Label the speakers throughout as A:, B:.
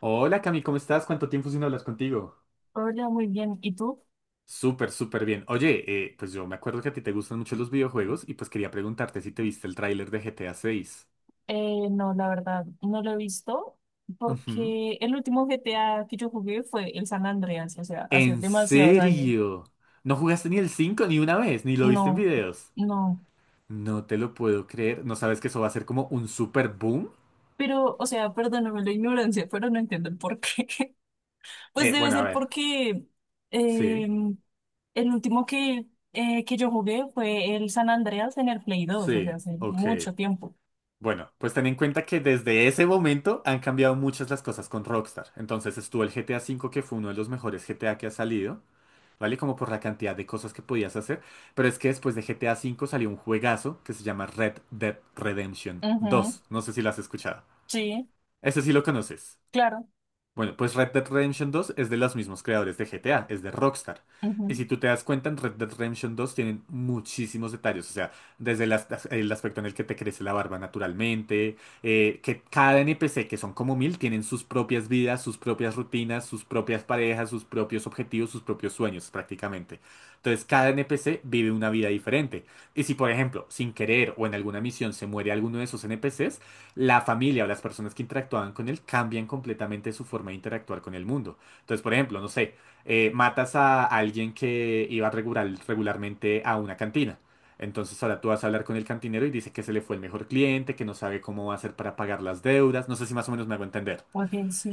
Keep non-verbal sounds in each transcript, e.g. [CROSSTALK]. A: Hola Cami, ¿cómo estás? ¿Cuánto tiempo sin hablas contigo?
B: Hola, muy bien. ¿Y tú?
A: Súper, súper bien. Oye, pues yo me acuerdo que a ti te gustan mucho los videojuegos y pues quería preguntarte si te viste el tráiler de GTA 6.
B: No, la verdad, no lo he visto
A: Ujú.
B: porque el último GTA que yo jugué fue el San Andreas, o sea, hace
A: ¿En
B: demasiados años.
A: serio? ¿No jugaste ni el 5 ni una vez? ¿Ni lo viste en
B: No,
A: videos?
B: no.
A: No te lo puedo creer. ¿No sabes que eso va a ser como un super boom?
B: Pero, o sea, perdóname la ignorancia, pero no entiendo el por qué. [LAUGHS] Pues debe
A: Bueno, a
B: ser
A: ver.
B: porque eh,
A: Sí,
B: el último que, que yo jugué fue el San Andreas en el Play dos, o sea,
A: sí,
B: hace
A: ok.
B: mucho tiempo.
A: Bueno, pues ten en cuenta que desde ese momento han cambiado muchas las cosas con Rockstar. Entonces estuvo el GTA V, que fue uno de los mejores GTA que ha salido. ¿Vale? Como por la cantidad de cosas que podías hacer. Pero es que después de GTA V salió un juegazo que se llama Red Dead Redemption
B: Ujú.
A: 2. No sé si lo has escuchado.
B: Sí,
A: Ese sí lo conoces.
B: claro.
A: Bueno, pues Red Dead Redemption dos es de los mismos creadores de GTA, es de Rockstar. Y
B: Ujú.
A: si tú te das cuenta, en Red Dead Redemption dos tienen muchísimos detalles, o sea, desde el aspecto en el que te crece la barba naturalmente, que cada NPC, que son como mil, tienen sus propias vidas, sus propias rutinas, sus propias parejas, sus propios objetivos, sus propios sueños prácticamente. Entonces, cada NPC vive una vida diferente. Y si, por ejemplo, sin querer o en alguna misión se muere alguno de esos NPCs, la familia o las personas que interactuaban con él cambian completamente su forma de interactuar con el mundo. Entonces, por ejemplo, no sé, matas a alguien que iba regularmente a una cantina. Entonces ahora tú vas a hablar con el cantinero y dice que se le fue el mejor cliente, que no sabe cómo va a hacer para pagar las deudas. No sé si más o menos me hago entender.
B: Ok, sí.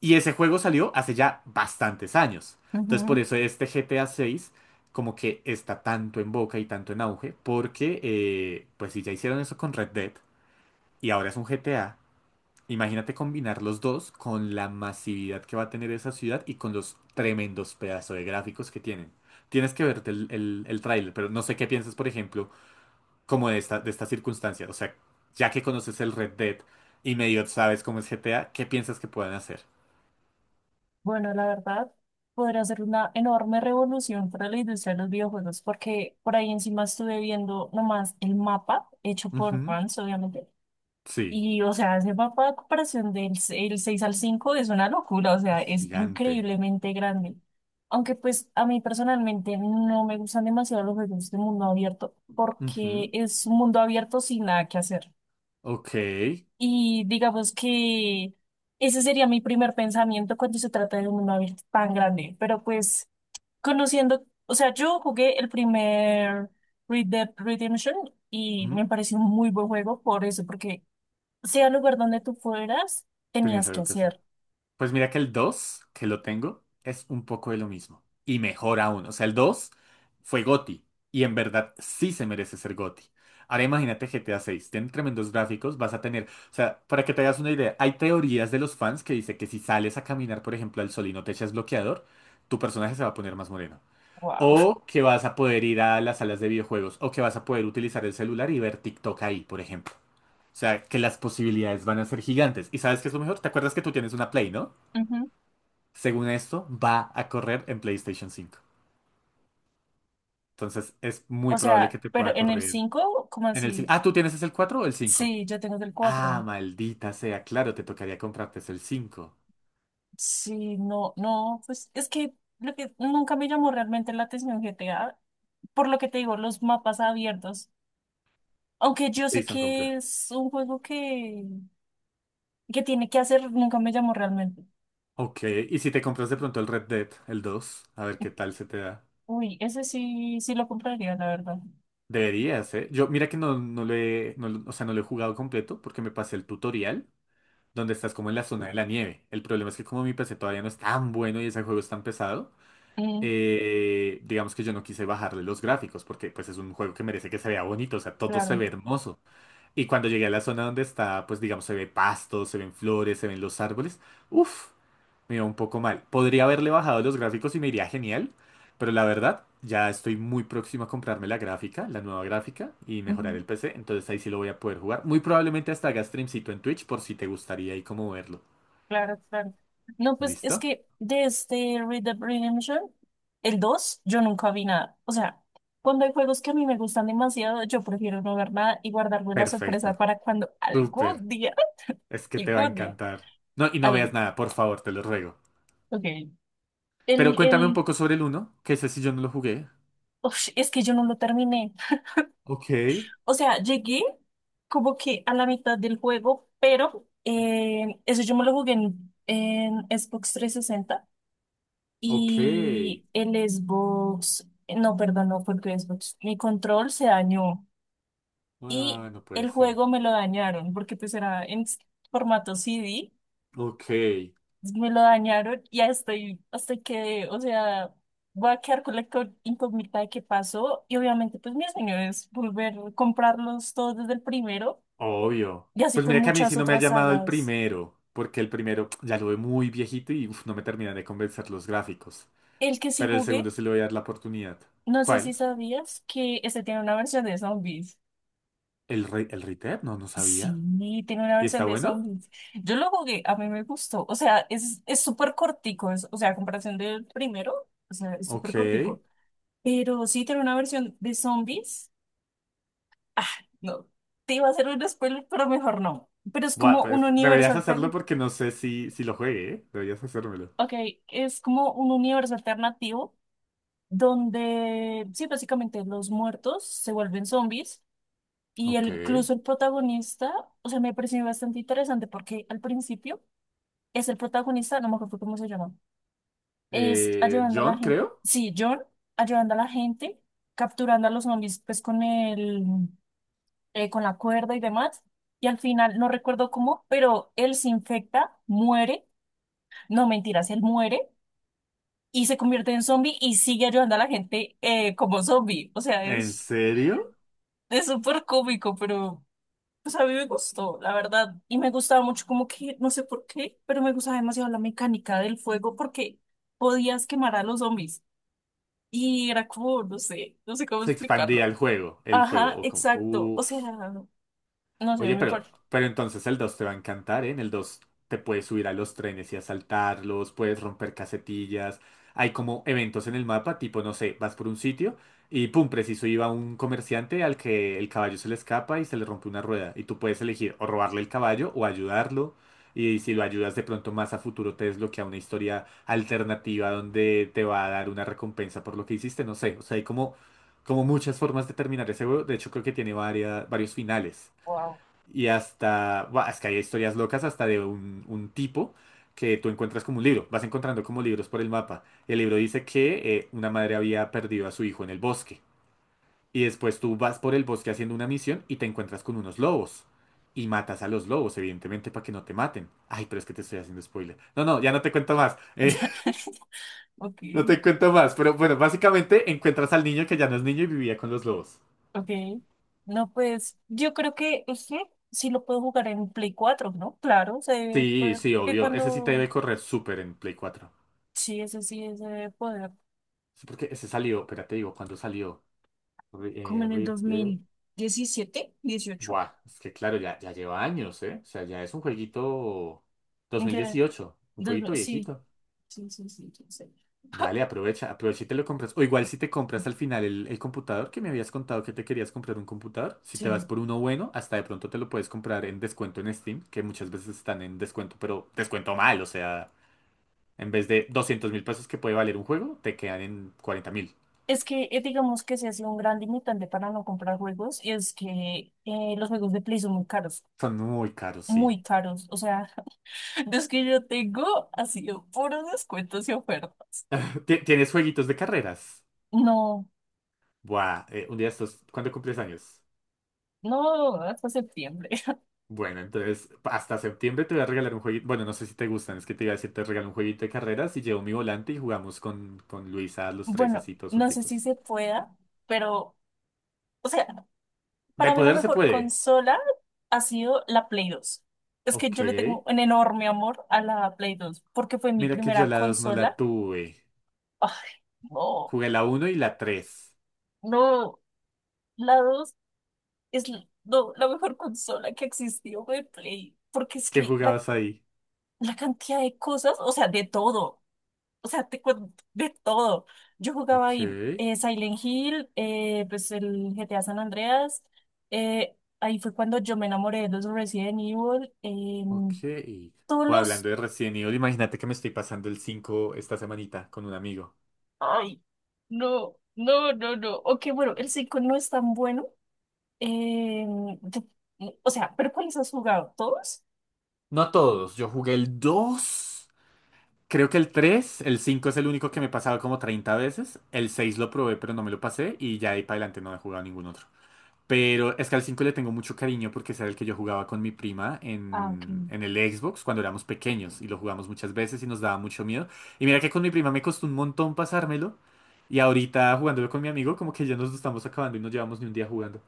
A: Y ese juego salió hace ya bastantes años. Entonces por
B: Ujú.
A: eso este GTA 6 como que está tanto en boca y tanto en auge, porque pues si ya hicieron eso con Red Dead y ahora es un GTA, imagínate combinar los dos con la masividad que va a tener esa ciudad y con los tremendos pedazos de gráficos que tienen. Tienes que verte el tráiler, pero no sé qué piensas, por ejemplo, como de esta circunstancia. O sea, ya que conoces el Red Dead y medio sabes cómo es GTA, ¿qué piensas que puedan hacer?
B: Bueno, la verdad, podría ser una enorme revolución para la industria de los videojuegos, porque por ahí encima estuve viendo nomás el mapa hecho por
A: Ujú.
B: fans, obviamente.
A: Sí,
B: Y, o sea, ese mapa de comparación el 6 al 5 es una locura, o sea,
A: es
B: es
A: gigante.
B: increíblemente grande. Aunque, pues, a mí personalmente no me gustan demasiado los juegos de mundo abierto, porque
A: Ujú.
B: es un mundo abierto sin nada que hacer.
A: Ok.
B: Y digamos que ese sería mi primer pensamiento cuando se trata de un mundo tan grande. Pero pues conociendo, o sea, yo jugué el primer Red Dead Redemption y
A: Ujú.
B: me pareció un muy buen juego por eso, porque sea el lugar donde tú fueras,
A: Tenías
B: tenías que
A: algo que hacer.
B: hacer.
A: Pues mira que el 2 que lo tengo, es un poco de lo mismo. Y mejor aún. O sea, el 2 fue GOTY. Y en verdad sí se merece ser GOTY. Ahora imagínate GTA 6. Tiene tremendos gráficos. Vas a tener. O sea, para que te hagas una idea, hay teorías de los fans que dice que si sales a caminar, por ejemplo, al sol y no te echas bloqueador, tu personaje se va a poner más moreno.
B: Wow.
A: O que vas a poder ir a las salas de videojuegos. O que vas a poder utilizar el celular y ver TikTok ahí, por ejemplo. O sea, que las posibilidades van a ser gigantes. ¿Y sabes qué es lo mejor? ¿Te acuerdas que tú tienes una Play, no?
B: Ujú.
A: Según esto, va a correr en PlayStation 5. Entonces es
B: O
A: muy probable que
B: sea,
A: te
B: pero
A: pueda
B: en el
A: correr
B: cinco, ¿cómo
A: en el 5.
B: así?
A: Ah, ¿tú tienes es el 4 o el 5?
B: Sí, yo tengo del
A: Ah,
B: cuatro.
A: maldita sea, claro, te tocaría comprarte es el 5.
B: Sí, no, no, pues es que lo que nunca me llamó realmente la atención GTA por lo que te digo, los mapas abiertos. Aunque yo
A: Sí,
B: sé
A: son
B: que
A: complejos.
B: es un juego que, tiene que hacer, nunca me llamó realmente.
A: Ok, y si te compras de pronto el Red Dead, el 2, a ver qué tal se te da.
B: Uy, ese sí, sí lo compraría, la verdad.
A: Deberías, ¿eh? Yo, mira que no, no lo he, no lo- o sea, no lo he jugado completo porque me pasé el tutorial donde estás como en la zona de la nieve. El problema es que como mi PC todavía no es tan bueno y ese juego es tan pesado,
B: Mm,
A: digamos que yo no quise bajarle los gráficos porque pues es un juego que merece que se vea bonito, o sea, todo se
B: claro,
A: ve hermoso. Y cuando llegué a la zona donde está, pues digamos, se ve pasto, se ven flores, se ven los árboles, uff, me iba un poco mal. Podría haberle bajado los gráficos y me iría genial, pero la verdad, ya estoy muy próximo a comprarme la gráfica, la nueva gráfica y mejorar
B: ujú,
A: el PC, entonces ahí sí lo voy a poder jugar. Muy probablemente hasta haga streamcito en Twitch por si te gustaría ahí como verlo.
B: claro, claro. No, pues es
A: ¿Listo?
B: que de este Red Dead Redemption, el 2 yo nunca vi nada. O sea, cuando hay juegos que a mí me gustan demasiado, yo prefiero no ver nada y guardarme la sorpresa
A: Perfecto.
B: para cuando
A: Súper.
B: algún día,
A: Es
B: [LAUGHS]
A: que te va a
B: algún día,
A: encantar. No, y no
B: al,
A: veas nada, por favor, te lo ruego.
B: ok.
A: Pero
B: El,
A: cuéntame un
B: el,
A: poco sobre el uno que ese sí yo no lo jugué.
B: Uf, es que yo no lo terminé.
A: Ok,
B: O sea, llegué como que a la mitad del juego, pero eso yo me lo jugué en Xbox 360
A: ok.
B: y el Xbox, no, perdón, no fue el Xbox, mi control se dañó y
A: Ah, no puede
B: el
A: ser.
B: juego me lo dañaron porque pues era en formato CD,
A: Ok,
B: me lo dañaron y ya estoy, hasta que, o sea, voy a quedar con la incógnita de qué pasó y obviamente pues mi sueño es volver a comprarlos todos desde el primero.
A: obvio.
B: Y así
A: Pues
B: con
A: mira que a mí
B: muchas
A: sí no me ha
B: otras
A: llamado el
B: sagas.
A: primero, porque el primero [TSK] ya lo ve muy viejito y uf, no me terminan de convencer los gráficos.
B: El que sí
A: Pero el segundo
B: jugué,
A: sí le voy a dar la oportunidad.
B: no sé si
A: ¿Cuál?
B: sabías que este tiene una versión de zombies.
A: ¿El rey el Red? No, no sabía.
B: Sí, tiene una
A: ¿Y está
B: versión de
A: bueno?
B: zombies. Yo lo jugué, a mí me gustó. O sea, es súper cortico. Es, o sea, a comparación del primero, o sea, es súper
A: Ok.
B: cortico. Pero sí tiene una versión de zombies. Ah, no. Te iba a hacer un spoiler, pero mejor no. Pero es
A: Buah,
B: como un
A: pues
B: universo
A: deberías hacerlo
B: alterno.
A: porque no sé si, si lo juegue, ¿eh? Deberías hacérmelo.
B: Ok, es como un universo alternativo donde, sí, básicamente los muertos se vuelven zombies y
A: Ok.
B: el, incluso el protagonista, o sea, me pareció bastante interesante porque al principio es el protagonista, no me acuerdo cómo se llama, es ayudando a la
A: John,
B: gente,
A: creo.
B: sí, John, ayudando a la gente, capturando a los zombies pues con el, con la cuerda y demás. Y al final, no recuerdo cómo, pero él se infecta, muere, no mentiras, él muere y se convierte en zombie y sigue ayudando a la gente, como zombie. O sea,
A: ¿En
B: es...
A: serio?
B: Es súper cómico, pero pues a mí me gustó, la verdad. Y me gustaba mucho como que, no sé por qué, pero me gustaba demasiado la mecánica del fuego porque podías quemar a los zombies. Y era como, no sé, no sé cómo
A: Se expandía
B: explicarlo.
A: el juego, el fuego.
B: Ajá, exacto. O sea,
A: Uf.
B: no sé,
A: Oye,
B: me parece.
A: pero entonces el 2 te va a encantar, ¿eh? En el 2 te puedes subir a los trenes y asaltarlos, puedes romper casetillas. Hay como eventos en el mapa, tipo, no sé, vas por un sitio y pum, preciso iba un comerciante al que el caballo se le escapa y se le rompe una rueda. Y tú puedes elegir o robarle el caballo o ayudarlo. Y si lo ayudas de pronto más a futuro te desbloquea una historia alternativa donde te va a dar una recompensa por lo que hiciste, no sé. O sea, hay como, como muchas formas de terminar ese juego. De hecho, creo que tiene varios finales.
B: Wow.
A: Y hasta, buah, es que hay historias locas hasta de un tipo que tú encuentras como un libro, vas encontrando como libros por el mapa. El libro dice que una madre había perdido a su hijo en el bosque. Y después tú vas por el bosque haciendo una misión y te encuentras con unos lobos. Y matas a los lobos, evidentemente, para que no te maten. Ay, pero es que te estoy haciendo spoiler. No, no, ya no te cuento más. [LAUGHS]
B: [LAUGHS] Ok,
A: No te cuento más. Pero bueno, básicamente encuentras al niño que ya no es niño y vivía con los lobos.
B: ok. No, pues yo creo que sí, sí lo puedo jugar en Play cuatro, ¿no? Claro, se debe
A: Sí,
B: poder.
A: sí,
B: Que
A: obvio. Ese sí te
B: cuando.
A: debe correr súper en Play cuatro.
B: Sí, ese debe poder.
A: Sí, porque ese salió, espérate, te digo, ¿cuándo salió? Re-
B: Como en el
A: Red
B: dos
A: Dead.
B: mil diecisiete, dieciocho.
A: Buah, es que claro, ya, ya lleva años, ¿eh? O sea, ya es un jueguito dos
B: ¿En
A: mil
B: qué?
A: dieciocho, un
B: Dos mil,
A: jueguito
B: sí,
A: viejito.
B: sí, sí, sí, sí. Sí.
A: Dale,
B: [LAUGHS]
A: aprovecha, aprovecha y te lo compras. O igual si te compras al final el computador, que me habías contado que te querías comprar un computador, si
B: Sí.
A: te vas por uno bueno, hasta de pronto te lo puedes comprar en descuento en Steam, que muchas veces están en descuento, pero descuento mal, o sea, en vez de 200.000 pesos que puede valer un juego, te quedan en 40.000.
B: Es que digamos que se ha sido un gran limitante para no comprar juegos, y es que los juegos de Play son muy caros,
A: Son muy caros, sí.
B: muy caros. O sea, [LAUGHS] los que yo tengo ha sido puros descuentos y ofertas.
A: ¿Tienes jueguitos de carreras?
B: No,
A: Buah, un día de estos, ¿cuándo cumples años?
B: no, hasta septiembre. [LAUGHS]
A: Bueno, entonces hasta septiembre te voy a regalar un jueguito. Bueno, no sé si te gustan, es que te iba a decir, te regalo un jueguito de carreras y llevo mi volante y jugamos con Luisa, los tres
B: Bueno,
A: así, todos
B: no sé si
A: junticos.
B: se pueda, pero, o sea,
A: De
B: para mí la
A: poder se
B: mejor
A: puede.
B: consola ha sido la Play dos. Es que
A: Ok.
B: yo le tengo un enorme amor a la Play 2 porque fue mi
A: Mira que yo
B: primera
A: la 2 no la
B: consola.
A: tuve.
B: Ay, no,
A: Jugué la uno y la tres.
B: no, la 2 no, la mejor consola que existió de Play, porque es
A: ¿Qué
B: que
A: jugabas ahí?
B: la cantidad de cosas, o sea, de todo, o sea, te cuento, de todo. Yo jugaba
A: Ok,
B: ahí Silent Hill, pues el GTA San Andreas, ahí fue cuando yo me enamoré de los Resident Evil.
A: ok.
B: Todos
A: Pues
B: los...
A: hablando de Resident Evil, imagínate que me estoy pasando el 5 esta semanita con un amigo.
B: Ay, no, no, no, no. Ok, bueno, el 5 no es tan bueno. Eh, yo- o sea, ¿pero cuáles has jugado? ¿Todos?
A: No todos, yo jugué el 2. Creo que el 3 el 5 es el único que me he pasado como 30 veces. El 6 lo probé, pero no me lo pasé. Y ya de ahí para adelante no he jugado ningún otro. Pero es que al 5 le tengo mucho cariño porque ese era el que yo jugaba con mi prima
B: Ah, ok.
A: en el Xbox cuando éramos pequeños. Y lo jugamos muchas veces y nos daba mucho miedo. Y mira que con mi prima me costó un montón pasármelo. Y ahorita jugándolo con mi amigo, como que ya nos lo estamos acabando y no llevamos ni un día jugando.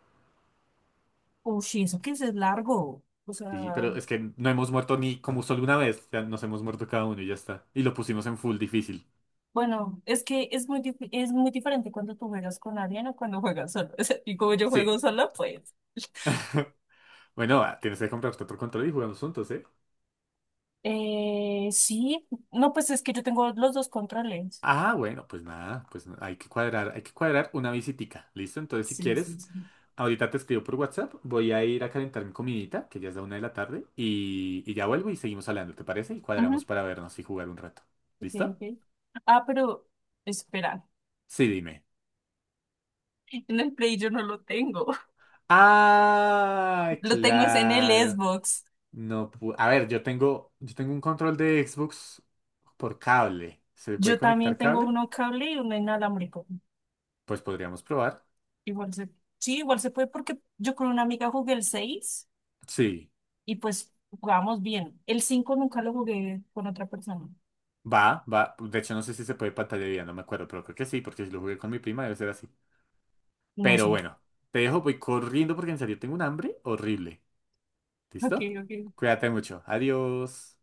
B: Uy, sí, eso que es largo. O
A: Sí,
B: sea,
A: pero es que no hemos muerto ni como solo una vez. Ya nos hemos muerto cada uno y ya está. Y lo pusimos en full difícil.
B: bueno, es que es es muy diferente cuando tú juegas con alguien o cuando juegas solo. [LAUGHS] O sea, y como yo juego
A: Sí.
B: sola, pues...
A: [LAUGHS] Bueno, ah, tienes que comprar otro control y jugamos juntos, ¿eh?
B: Sí, no, pues es que yo tengo los dos controles.
A: Ah, bueno, pues nada, hay que cuadrar una visitica, ¿listo? Entonces, si
B: Sí, sí,
A: quieres,
B: sí.
A: ahorita te escribo por WhatsApp, voy a ir a calentar mi comidita, que ya es la una de la tarde, y ya vuelvo y seguimos hablando, ¿te parece? Y
B: Ujú,
A: cuadramos para vernos y jugar un rato,
B: ok,
A: ¿listo?
B: ok. Ah, pero espera,
A: Sí, dime.
B: en el Play yo no lo tengo.
A: Ah,
B: Lo tengo es en el
A: claro.
B: Xbox.
A: No, a ver, yo tengo un control de Xbox por cable. ¿Se le puede
B: Yo también
A: conectar
B: tengo
A: cable?
B: uno cable y uno inalámbrico.
A: Pues podríamos probar.
B: Igual se, sí, igual se puede porque yo con una amiga jugué el 6
A: Sí.
B: y pues jugábamos bien. El 5 nunca lo jugué con otra persona.
A: Va, va. De hecho, no sé si se puede pantalla dividida, no me acuerdo, pero creo que sí, porque si lo jugué con mi prima debe ser así.
B: No
A: Pero
B: sé.
A: bueno, te dejo, voy corriendo porque en serio tengo un hambre horrible.
B: Ok,
A: ¿Listo?
B: ok.
A: Cuídate mucho. Adiós.